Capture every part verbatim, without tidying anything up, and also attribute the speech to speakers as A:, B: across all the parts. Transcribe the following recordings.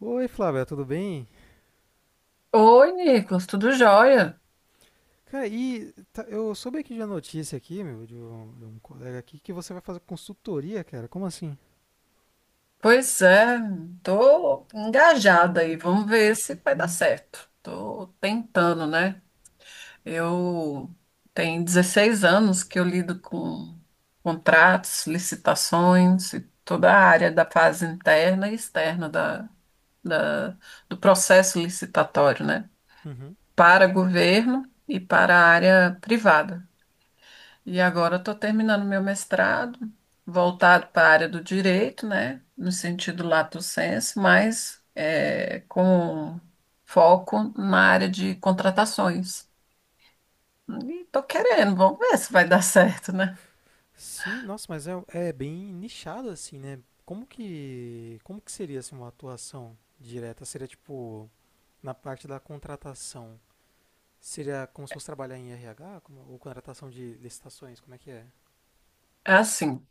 A: Oi, Flávia, tudo bem?
B: Oi, Nicolas, tudo jóia?
A: Cara, e tá- eu soube aqui de uma notícia aqui, meu, de um, de um colega aqui, que você vai fazer consultoria, cara. Como assim?
B: Pois é, tô engajada aí, vamos ver se vai dar certo. Tô tentando, né? Eu tenho dezesseis anos que eu lido com contratos, licitações e toda a área da fase interna e externa da, da- do processo licitatório, né?
A: Uhum.
B: Para governo e para a área privada. E agora eu estou terminando meu mestrado, voltado para a área do direito, né? No sentido lato sensu, mas é, com foco na área de contratações. E estou querendo, vamos ver se vai dar certo, né?
A: Sim, nossa, mas é, é bem nichado assim, né? Como que, como que seria assim uma atuação direta? Seria tipo na parte da contratação? Seria como se fosse trabalhar em R H, como, ou contratação de licitações? Como é que é?
B: É assim,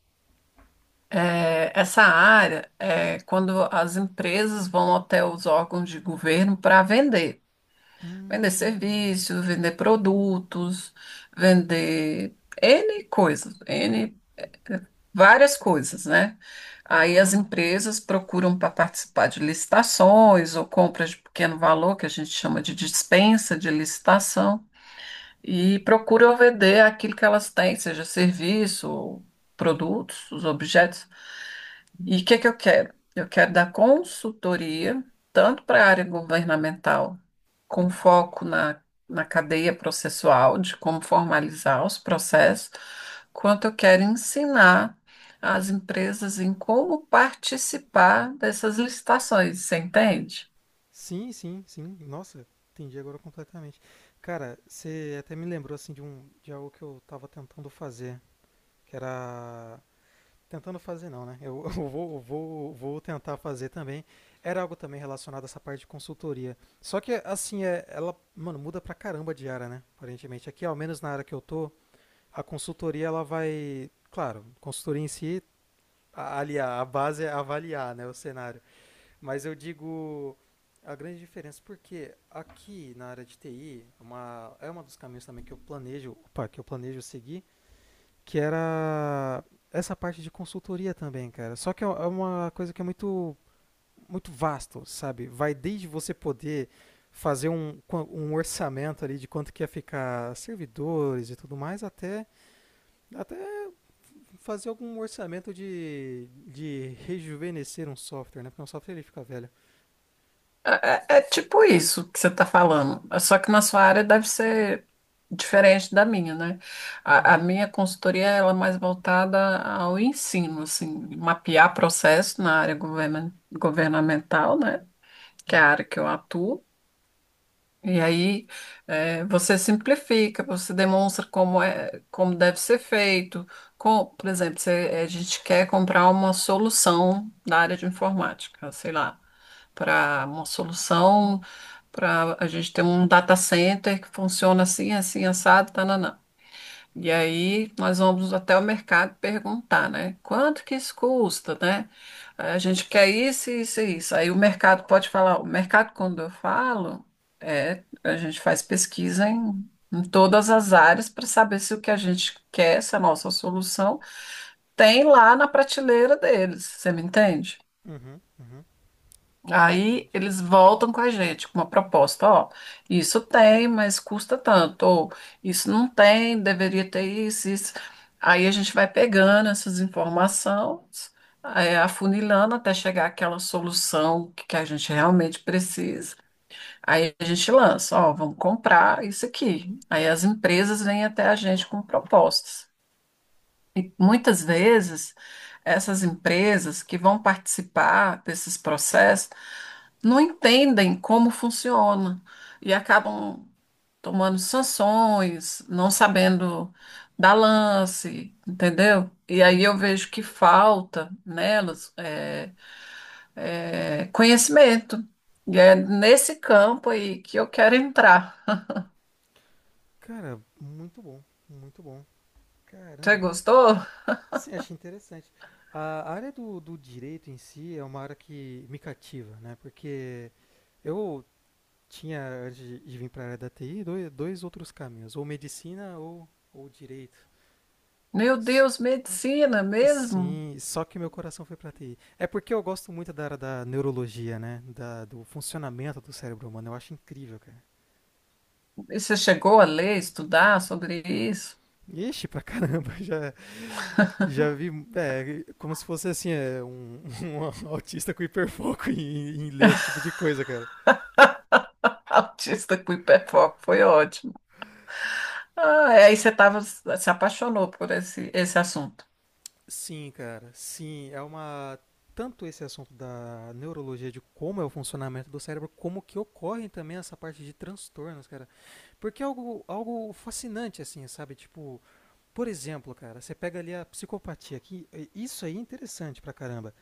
B: é, essa área é quando as empresas vão até os órgãos de governo para vender. Vender
A: Hum.
B: serviços, vender produtos, vender N coisas, N várias coisas, né? Aí as empresas procuram para participar de licitações ou compras de pequeno valor, que a gente chama de dispensa de licitação e procuram vender aquilo que elas têm, seja serviço, produtos, os objetos. E o que que eu quero? Eu quero dar consultoria, tanto para a área governamental, com foco na, na cadeia processual, de como formalizar os processos, quanto eu quero ensinar as empresas em como participar dessas licitações, você entende?
A: Sim, sim, sim. Nossa, entendi agora completamente. Cara, você até me lembrou assim de um de algo que eu tava tentando fazer, que era tentando fazer não, né? Eu, eu vou eu vou vou tentar fazer também. Era algo também relacionado a essa parte de consultoria. Só que assim, é, ela, mano, muda pra caramba de área, né? Aparentemente aqui, ao menos na área que eu tô, a consultoria ela vai, claro, consultoria em si, a- ali a a base é avaliar, né, o cenário. Mas eu digo a grande diferença, porque aqui na área de T I, uma, é um dos caminhos também que eu planejo, opa, que eu planejo seguir, que era essa parte de consultoria também, cara. Só que é é uma coisa que é muito, muito vasto, sabe? Vai desde você poder fazer um, um orçamento ali de quanto que ia ficar servidores e tudo mais, até, até fazer algum orçamento de, de rejuvenescer um software, né? Porque um software ele fica velho.
B: É, é é tipo isso que você está falando, só que na sua área deve ser diferente da minha, né? A, a
A: Uhum,
B: minha consultoria ela é mais voltada ao ensino, assim, mapear processo na área governa- governamental, né? Que é a
A: uhum.
B: área que eu atuo. E aí é, você simplifica, você demonstra como é, como deve ser feito. Com, por exemplo, se a gente quer comprar uma solução da área de informática, sei lá para uma solução, para a gente ter um data center que funciona assim, assim, assado, tananã. E aí nós vamos até o mercado perguntar, né? Quanto que isso custa, né? A gente quer isso, isso e isso. Aí o mercado pode falar, o mercado, quando eu falo, é, a gente faz pesquisa em, em todas as áreas para saber se o que a gente quer, se a nossa solução tem lá na prateleira deles. Você me entende?
A: Uhum, uhum,
B: Aí
A: completamente.
B: eles voltam com a gente com uma proposta, ó, isso tem, mas custa tanto, ou isso não tem, deveria ter isso, isso. Aí a gente vai pegando essas informações, é, afunilando até chegar àquela solução que, que a gente realmente precisa. Aí a gente lança, ó, vamos comprar isso aqui. Aí as empresas vêm até a gente com propostas. Muitas vezes, essas empresas que vão participar desses processos não entendem como funciona e acabam tomando sanções, não sabendo dar lance, entendeu? E aí eu
A: Hum.
B: vejo que falta nelas é, é, conhecimento. E é nesse campo aí que eu quero entrar.
A: Cara, muito bom, muito bom.
B: Você
A: Caramba,
B: gostou?
A: sim, achei interessante. A área do, do direito em si é uma área que me cativa, né? Porque eu tinha, antes de de vir para a área da T I, dois, dois outros caminhos, ou medicina ou, ou direito.
B: Meu
A: S-
B: Deus, medicina mesmo?
A: Sim, só que meu coração foi para T I. É porque eu gosto muito da área da neurologia, né? Da, do funcionamento do cérebro humano, eu acho incrível, cara.
B: E você chegou a ler, estudar sobre isso?
A: Ixi, pra caramba, já. Já vi, é, como se fosse assim, é, um, um autista com hiperfoco em, em ler esse tipo de coisa, cara.
B: Autista com hiperfoco, foi ótimo. Ah, aí você tava, se apaixonou por esse, esse assunto.
A: Sim, cara, sim, é uma tanto esse assunto da neurologia de como é o funcionamento do cérebro, como que ocorrem também essa parte de transtornos, cara. Porque é algo, algo fascinante, assim, sabe? Tipo, por exemplo, cara, você pega ali a psicopatia, que isso aí é interessante pra caramba.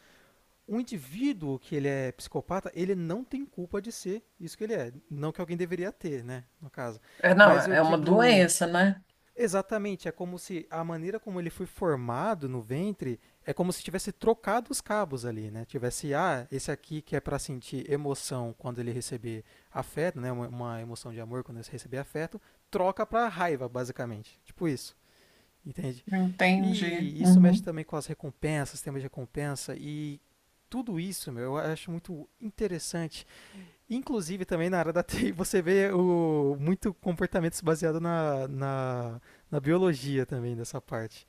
A: Um indivíduo que ele é psicopata, ele não tem culpa de ser isso que ele é. Não que alguém deveria ter, né? No caso.
B: É, não,
A: Mas eu
B: é uma
A: digo.
B: doença, né?
A: Exatamente, é como se a maneira como ele foi formado no ventre é como se tivesse trocado os cabos ali, né? Tivesse, ah, esse aqui que é para sentir emoção quando ele receber afeto, né? Uma, uma emoção de amor quando ele receber afeto, troca para raiva, basicamente. Tipo isso. Entende?
B: Entendi.
A: E isso mexe
B: Uhum.
A: também com as recompensas, sistema de recompensa e tudo isso, meu, eu acho muito interessante. Inclusive também na área da T I você vê o, muito comportamento baseado na, na, na biologia também dessa parte.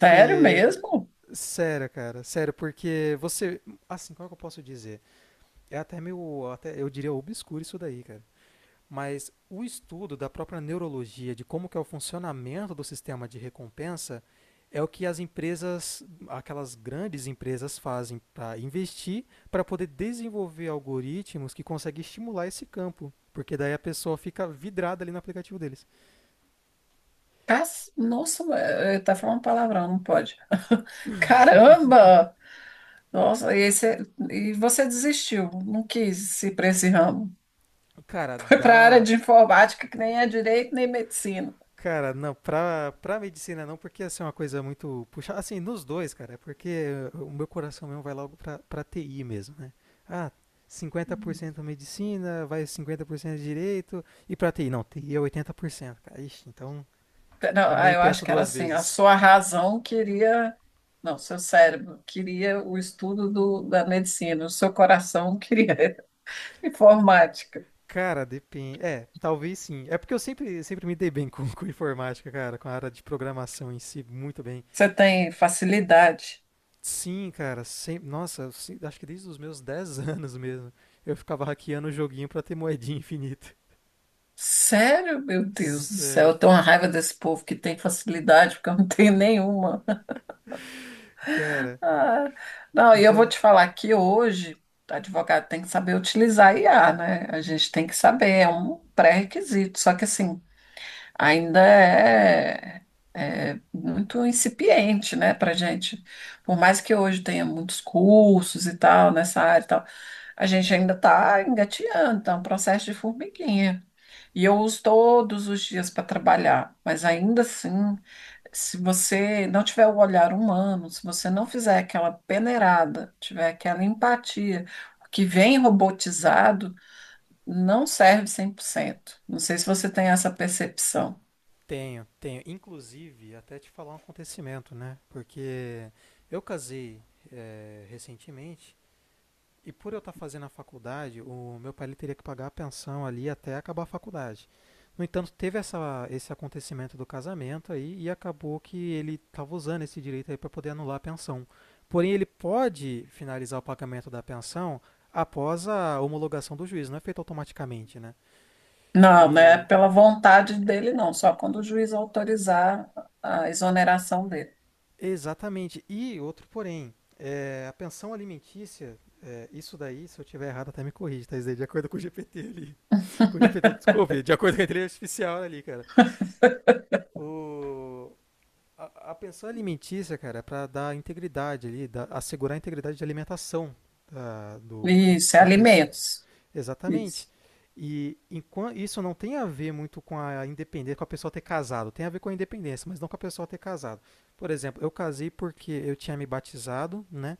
B: Sério mesmo?
A: sério, cara, sério, porque você, assim, como é que eu posso dizer? É até meio, até, eu diria obscuro isso daí, cara. Mas o estudo da própria neurologia, de como que é o funcionamento do sistema de recompensa, é o que as empresas, aquelas grandes empresas fazem para investir, para poder desenvolver algoritmos que conseguem estimular esse campo. Porque daí a pessoa fica vidrada ali no aplicativo deles.
B: Cas- Nossa, é, é, tá falando palavrão, não pode. Caramba! Nossa, e você, e você desistiu, não quis ir para esse ramo.
A: Cara,
B: Foi para a área
A: dá.
B: de informática, que nem é direito nem medicina.
A: Cara, não, pra, pra medicina não, porque assim, é uma coisa muito puxada. Assim, nos dois, cara, é porque o meu coração mesmo vai logo pra, pra T I mesmo, né? Ah, cinquenta por cento medicina, vai cinquenta por cento direito, e pra T I? Não, T I é oitenta por cento cara. Ixi, então
B: Não, ah,
A: nem
B: eu acho
A: penso
B: que era
A: duas
B: assim, a
A: vezes.
B: sua razão queria, não, seu cérebro queria o estudo do, da medicina, o seu coração queria informática.
A: Cara, depende. É, talvez sim. É porque eu sempre, sempre me dei bem com, com informática, cara, com a área de programação em si, muito bem.
B: Você tem facilidade.
A: Sim, cara, sempre, nossa, sim- acho que desde os meus dez anos mesmo, eu ficava hackeando o joguinho pra ter moedinha infinita.
B: Sério, meu Deus do céu,
A: Sério,
B: eu tenho uma raiva desse povo que tem facilidade, porque eu não tenho nenhuma.
A: cara.
B: Ah, não,
A: e
B: e eu vou
A: da...
B: te falar que hoje, advogado tem que saber utilizar I A, né? A gente tem que saber, é um pré-requisito. Só que assim, ainda é, é muito incipiente, né, para gente. Por mais que hoje tenha muitos cursos e tal nessa área e tal, a gente ainda está engatinhando, está um processo de formiguinha. E eu uso todos os dias para trabalhar, mas ainda assim, se você não tiver o olhar humano, se você não fizer aquela peneirada, tiver aquela empatia, o que vem robotizado não serve cem por cento. Não sei se você tem essa percepção.
A: Tenho, tenho. Inclusive, até te falar um acontecimento, né? Porque eu casei eh, recentemente. E por eu estar fazendo a faculdade, o meu pai ele teria que pagar a pensão ali até acabar a faculdade. No entanto, teve essa, esse acontecimento do casamento aí e acabou que ele estava usando esse direito aí para poder anular a pensão. Porém, ele pode finalizar o pagamento da pensão após a homologação do juiz, não é feito automaticamente, né?
B: Não, não é
A: E
B: pela vontade dele, não, só quando o juiz autorizar a exoneração dele.
A: exatamente. E outro porém, é, a pensão alimentícia, é, isso daí, se eu tiver errado, até me corrige, tá? Isso de acordo com o G P T ali. Com o G P T, desculpe, de acordo com a inteligência artificial ali, cara. O, a, a pensão alimentícia, cara, é para dar integridade ali, da- assegurar a integridade de alimentação da, do, do-
B: Isso, é
A: da pessoa.
B: alimentos.
A: Exatamente.
B: Isso.
A: E enquan- isso não tem a ver muito com a independência, com a pessoa ter casado. Tem a ver com a independência, mas não com a pessoa ter casado. Por exemplo, eu casei porque eu tinha me batizado, né?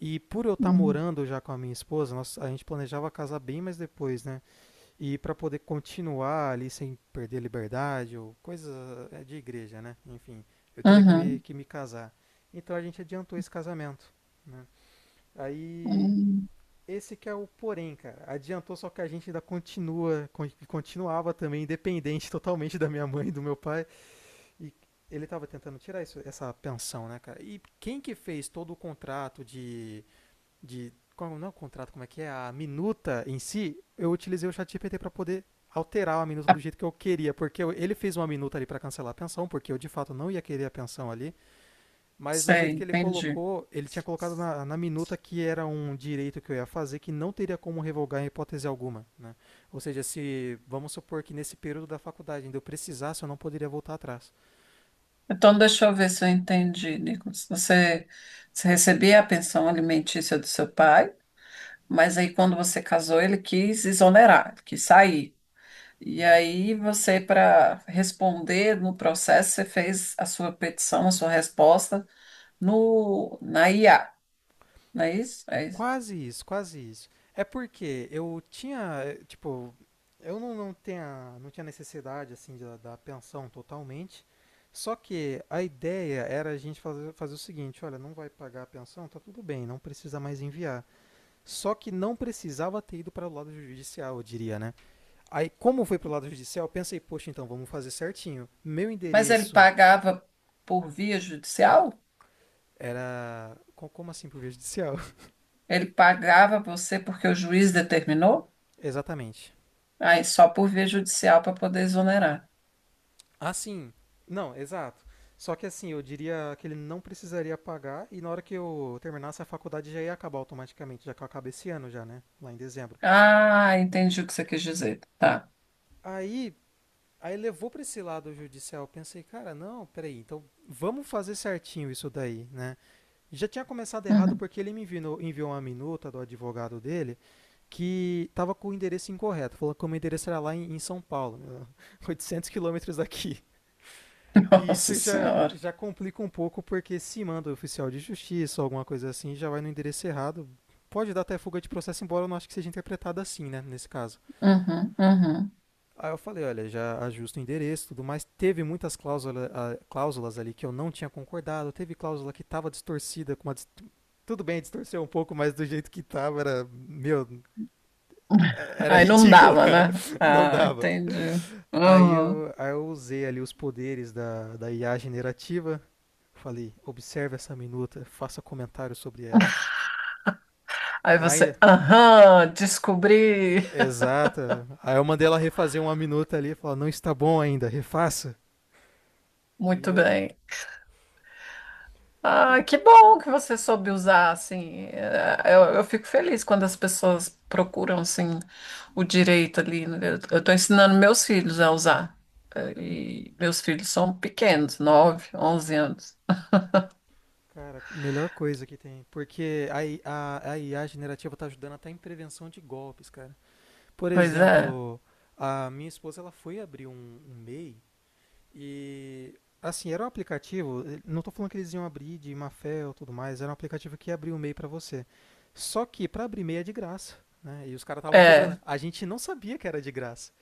A: E por eu estar
B: Uhum.
A: morando já com a minha esposa, nós, a gente planejava casar bem mais depois, né? E para poder continuar ali sem perder a liberdade ou coisa é, de igreja, né? Enfim, eu teria que me,
B: Uhum.
A: que me casar. Então a gente adiantou esse casamento, né? Aí
B: Uhum.
A: esse que é o porém, cara. Adiantou só que a gente ainda continua, con- continuava também independente totalmente da minha mãe e do meu pai e ele estava tentando tirar isso- essa pensão, né, cara? E quem que fez todo o contrato de de qual não é o contrato, como é que é a minuta em si, eu utilizei o ChatGPT para poder alterar a minuta do jeito que eu queria, porque ele fez uma minuta ali para cancelar a pensão, porque eu de fato não ia querer a pensão ali, mas o
B: Sei,
A: jeito que ele
B: entendi.
A: colocou, ele tinha colocado na, na minuta que era um direito que eu ia fazer que não teria como revogar em hipótese alguma, né? Ou seja, se vamos supor que nesse período da faculdade ainda eu precisasse, eu não poderia voltar atrás.
B: Então, deixa eu ver se eu entendi, Nicolas. Você, você recebia a pensão alimentícia do seu pai, mas aí quando você casou, ele quis exonerar, ele quis sair. E aí você, para responder no processo, você fez a sua petição, a sua resposta no, na I A. Não é isso? É isso.
A: Quase isso, quase isso. É porque eu tinha, eh, tipo, eu não, não tinha, não tinha necessidade assim da, da pensão totalmente. Só que a ideia era a gente fazer, fazer, o seguinte, olha, não vai pagar a pensão, tá tudo bem, não precisa mais enviar. Só que não precisava ter ido para o lado judicial, eu diria, né? Aí, como foi para o lado judicial, eu pensei, poxa, então vamos fazer certinho. Meu
B: Mas ele
A: endereço
B: pagava por via judicial?
A: era co- Como assim para o judicial?
B: Ele pagava você porque o juiz determinou?
A: Exatamente.
B: Aí só por via judicial para poder exonerar.
A: Ah, sim. Não, exato. Só que assim, eu diria que ele não precisaria pagar e na hora que eu terminasse a faculdade já ia acabar automaticamente, já que eu acabei esse ano já, né? Lá em dezembro.
B: Ah, entendi o que você quis dizer. Tá.
A: Aí, aí levou pra esse lado judicial. Eu pensei, cara, não, peraí, então vamos fazer certinho isso daí, né? Já tinha começado errado
B: Uhum.
A: porque ele me enviou, enviou uma minuta do advogado dele que tava com o endereço incorreto. Falou que o meu endereço era lá em, em São Paulo, né, oitocentos quilômetros daqui. E
B: Nossa
A: isso já,
B: Senhora.
A: já complica um pouco, porque se manda o oficial de justiça ou alguma coisa assim, já vai no endereço errado. Pode dar até fuga de processo, embora eu não acho que seja interpretado assim, né, nesse caso.
B: Uhum, uhum.
A: Aí eu falei, olha, já ajusta o endereço e tudo mais. Teve muitas cláusula, ah, cláusulas ali que eu não tinha concordado, teve cláusula que estava distorcida, com uma, tudo bem distorcer um pouco, mas do jeito que estava era, meu, era
B: Aí não
A: ridículo,
B: dava,
A: cara.
B: né?
A: Não
B: Ah,
A: dava.
B: entendi.
A: Aí
B: Uhum.
A: eu, aí eu usei ali os poderes da, da I A generativa. Falei, observe essa minuta, faça comentário sobre ela.
B: Aí você,
A: Ainda.
B: aham, descobri.
A: Exata. Aí eu mandei ela refazer uma minuta ali, falar, não está bom ainda, refaça. E
B: Muito
A: vai.
B: bem. Ah, que bom que você soube usar, assim. É, Eu, eu fico feliz quando as pessoas procuram, assim, o direito ali, né? Eu estou ensinando meus filhos a usar. É, e meus filhos são pequenos, nove, onze anos.
A: Cara, melhor coisa que tem. Porque a, I- a, a I A generativa tá ajudando até em prevenção de golpes, cara. Por
B: Pois é.
A: exemplo, a minha esposa ela foi abrir um, um MEI. E assim, era um aplicativo, eh, não estou falando que eles iam abrir de má fé ou tudo mais, era um aplicativo que abria o MEI para você. Só que para abrir MEI é de graça, né? E os caras estavam cobrando.
B: É,
A: A gente não sabia que era de graça.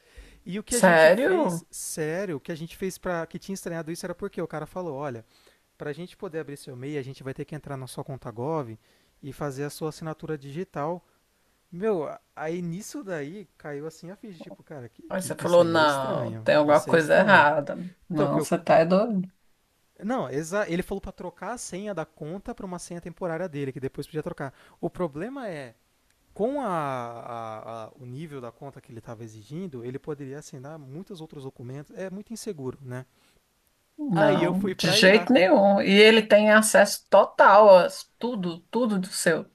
A: E o que a gente fez,
B: sério?
A: sério, o que a gente fez para que tinha estranhado isso era porque o cara falou, olha, para a gente poder abrir seu MEI, a gente vai ter que entrar na sua conta Gov e fazer a sua assinatura digital. Meu, aí nisso daí caiu assim a ficha, tipo, cara, que,
B: Aí
A: que
B: você
A: isso
B: falou,
A: aí é
B: não,
A: estranho,
B: tem alguma
A: isso é
B: coisa
A: estranho.
B: errada.
A: Então, o que
B: Não,
A: eu
B: você tá é doido.
A: não, exa ele falou pra trocar a senha da conta pra uma senha temporária dele, que depois podia trocar. O problema é, com a, a- a- o nível da conta que ele estava exigindo, ele poderia assinar muitos outros documentos. É muito inseguro, né? Aí eu
B: Não,
A: fui
B: de
A: pra I A.
B: jeito nenhum. E ele tem acesso total a tudo, tudo do seu.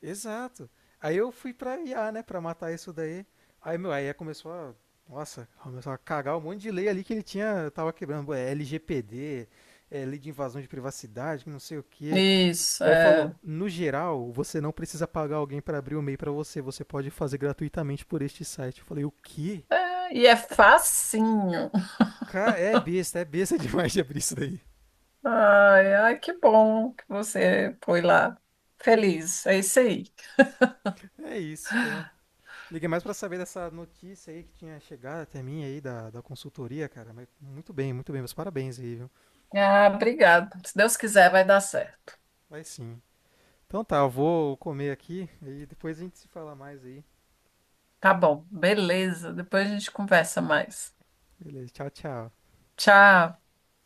A: Exato. Aí eu fui pra I A, né, pra matar isso daí. Aí meu, a começou a, nossa, começou a cagar um monte de lei ali que ele tinha, tava quebrando, é, L G P D, é, lei de invasão de privacidade, que não sei o quê.
B: Isso,
A: Ele
B: é.
A: falou: no geral, você não precisa pagar alguém para abrir o e-mail pra você, você pode fazer gratuitamente por este site. Eu falei: o quê?
B: É, e é facinho.
A: Cara, é besta, é besta demais de abrir isso daí.
B: Ai, ai, que bom que você foi lá. Feliz, é isso aí.
A: É isso, então. Liguei mais para saber dessa notícia aí que tinha chegado até mim aí da, da consultoria, cara. Mas muito bem, muito bem, meus parabéns aí, viu?
B: Ah, obrigado. Se Deus quiser, vai dar certo.
A: Vai sim. Então tá, eu vou comer aqui e depois a gente se fala mais aí.
B: Tá bom, beleza. Depois a gente conversa mais.
A: Beleza, tchau, tchau.
B: Tchau.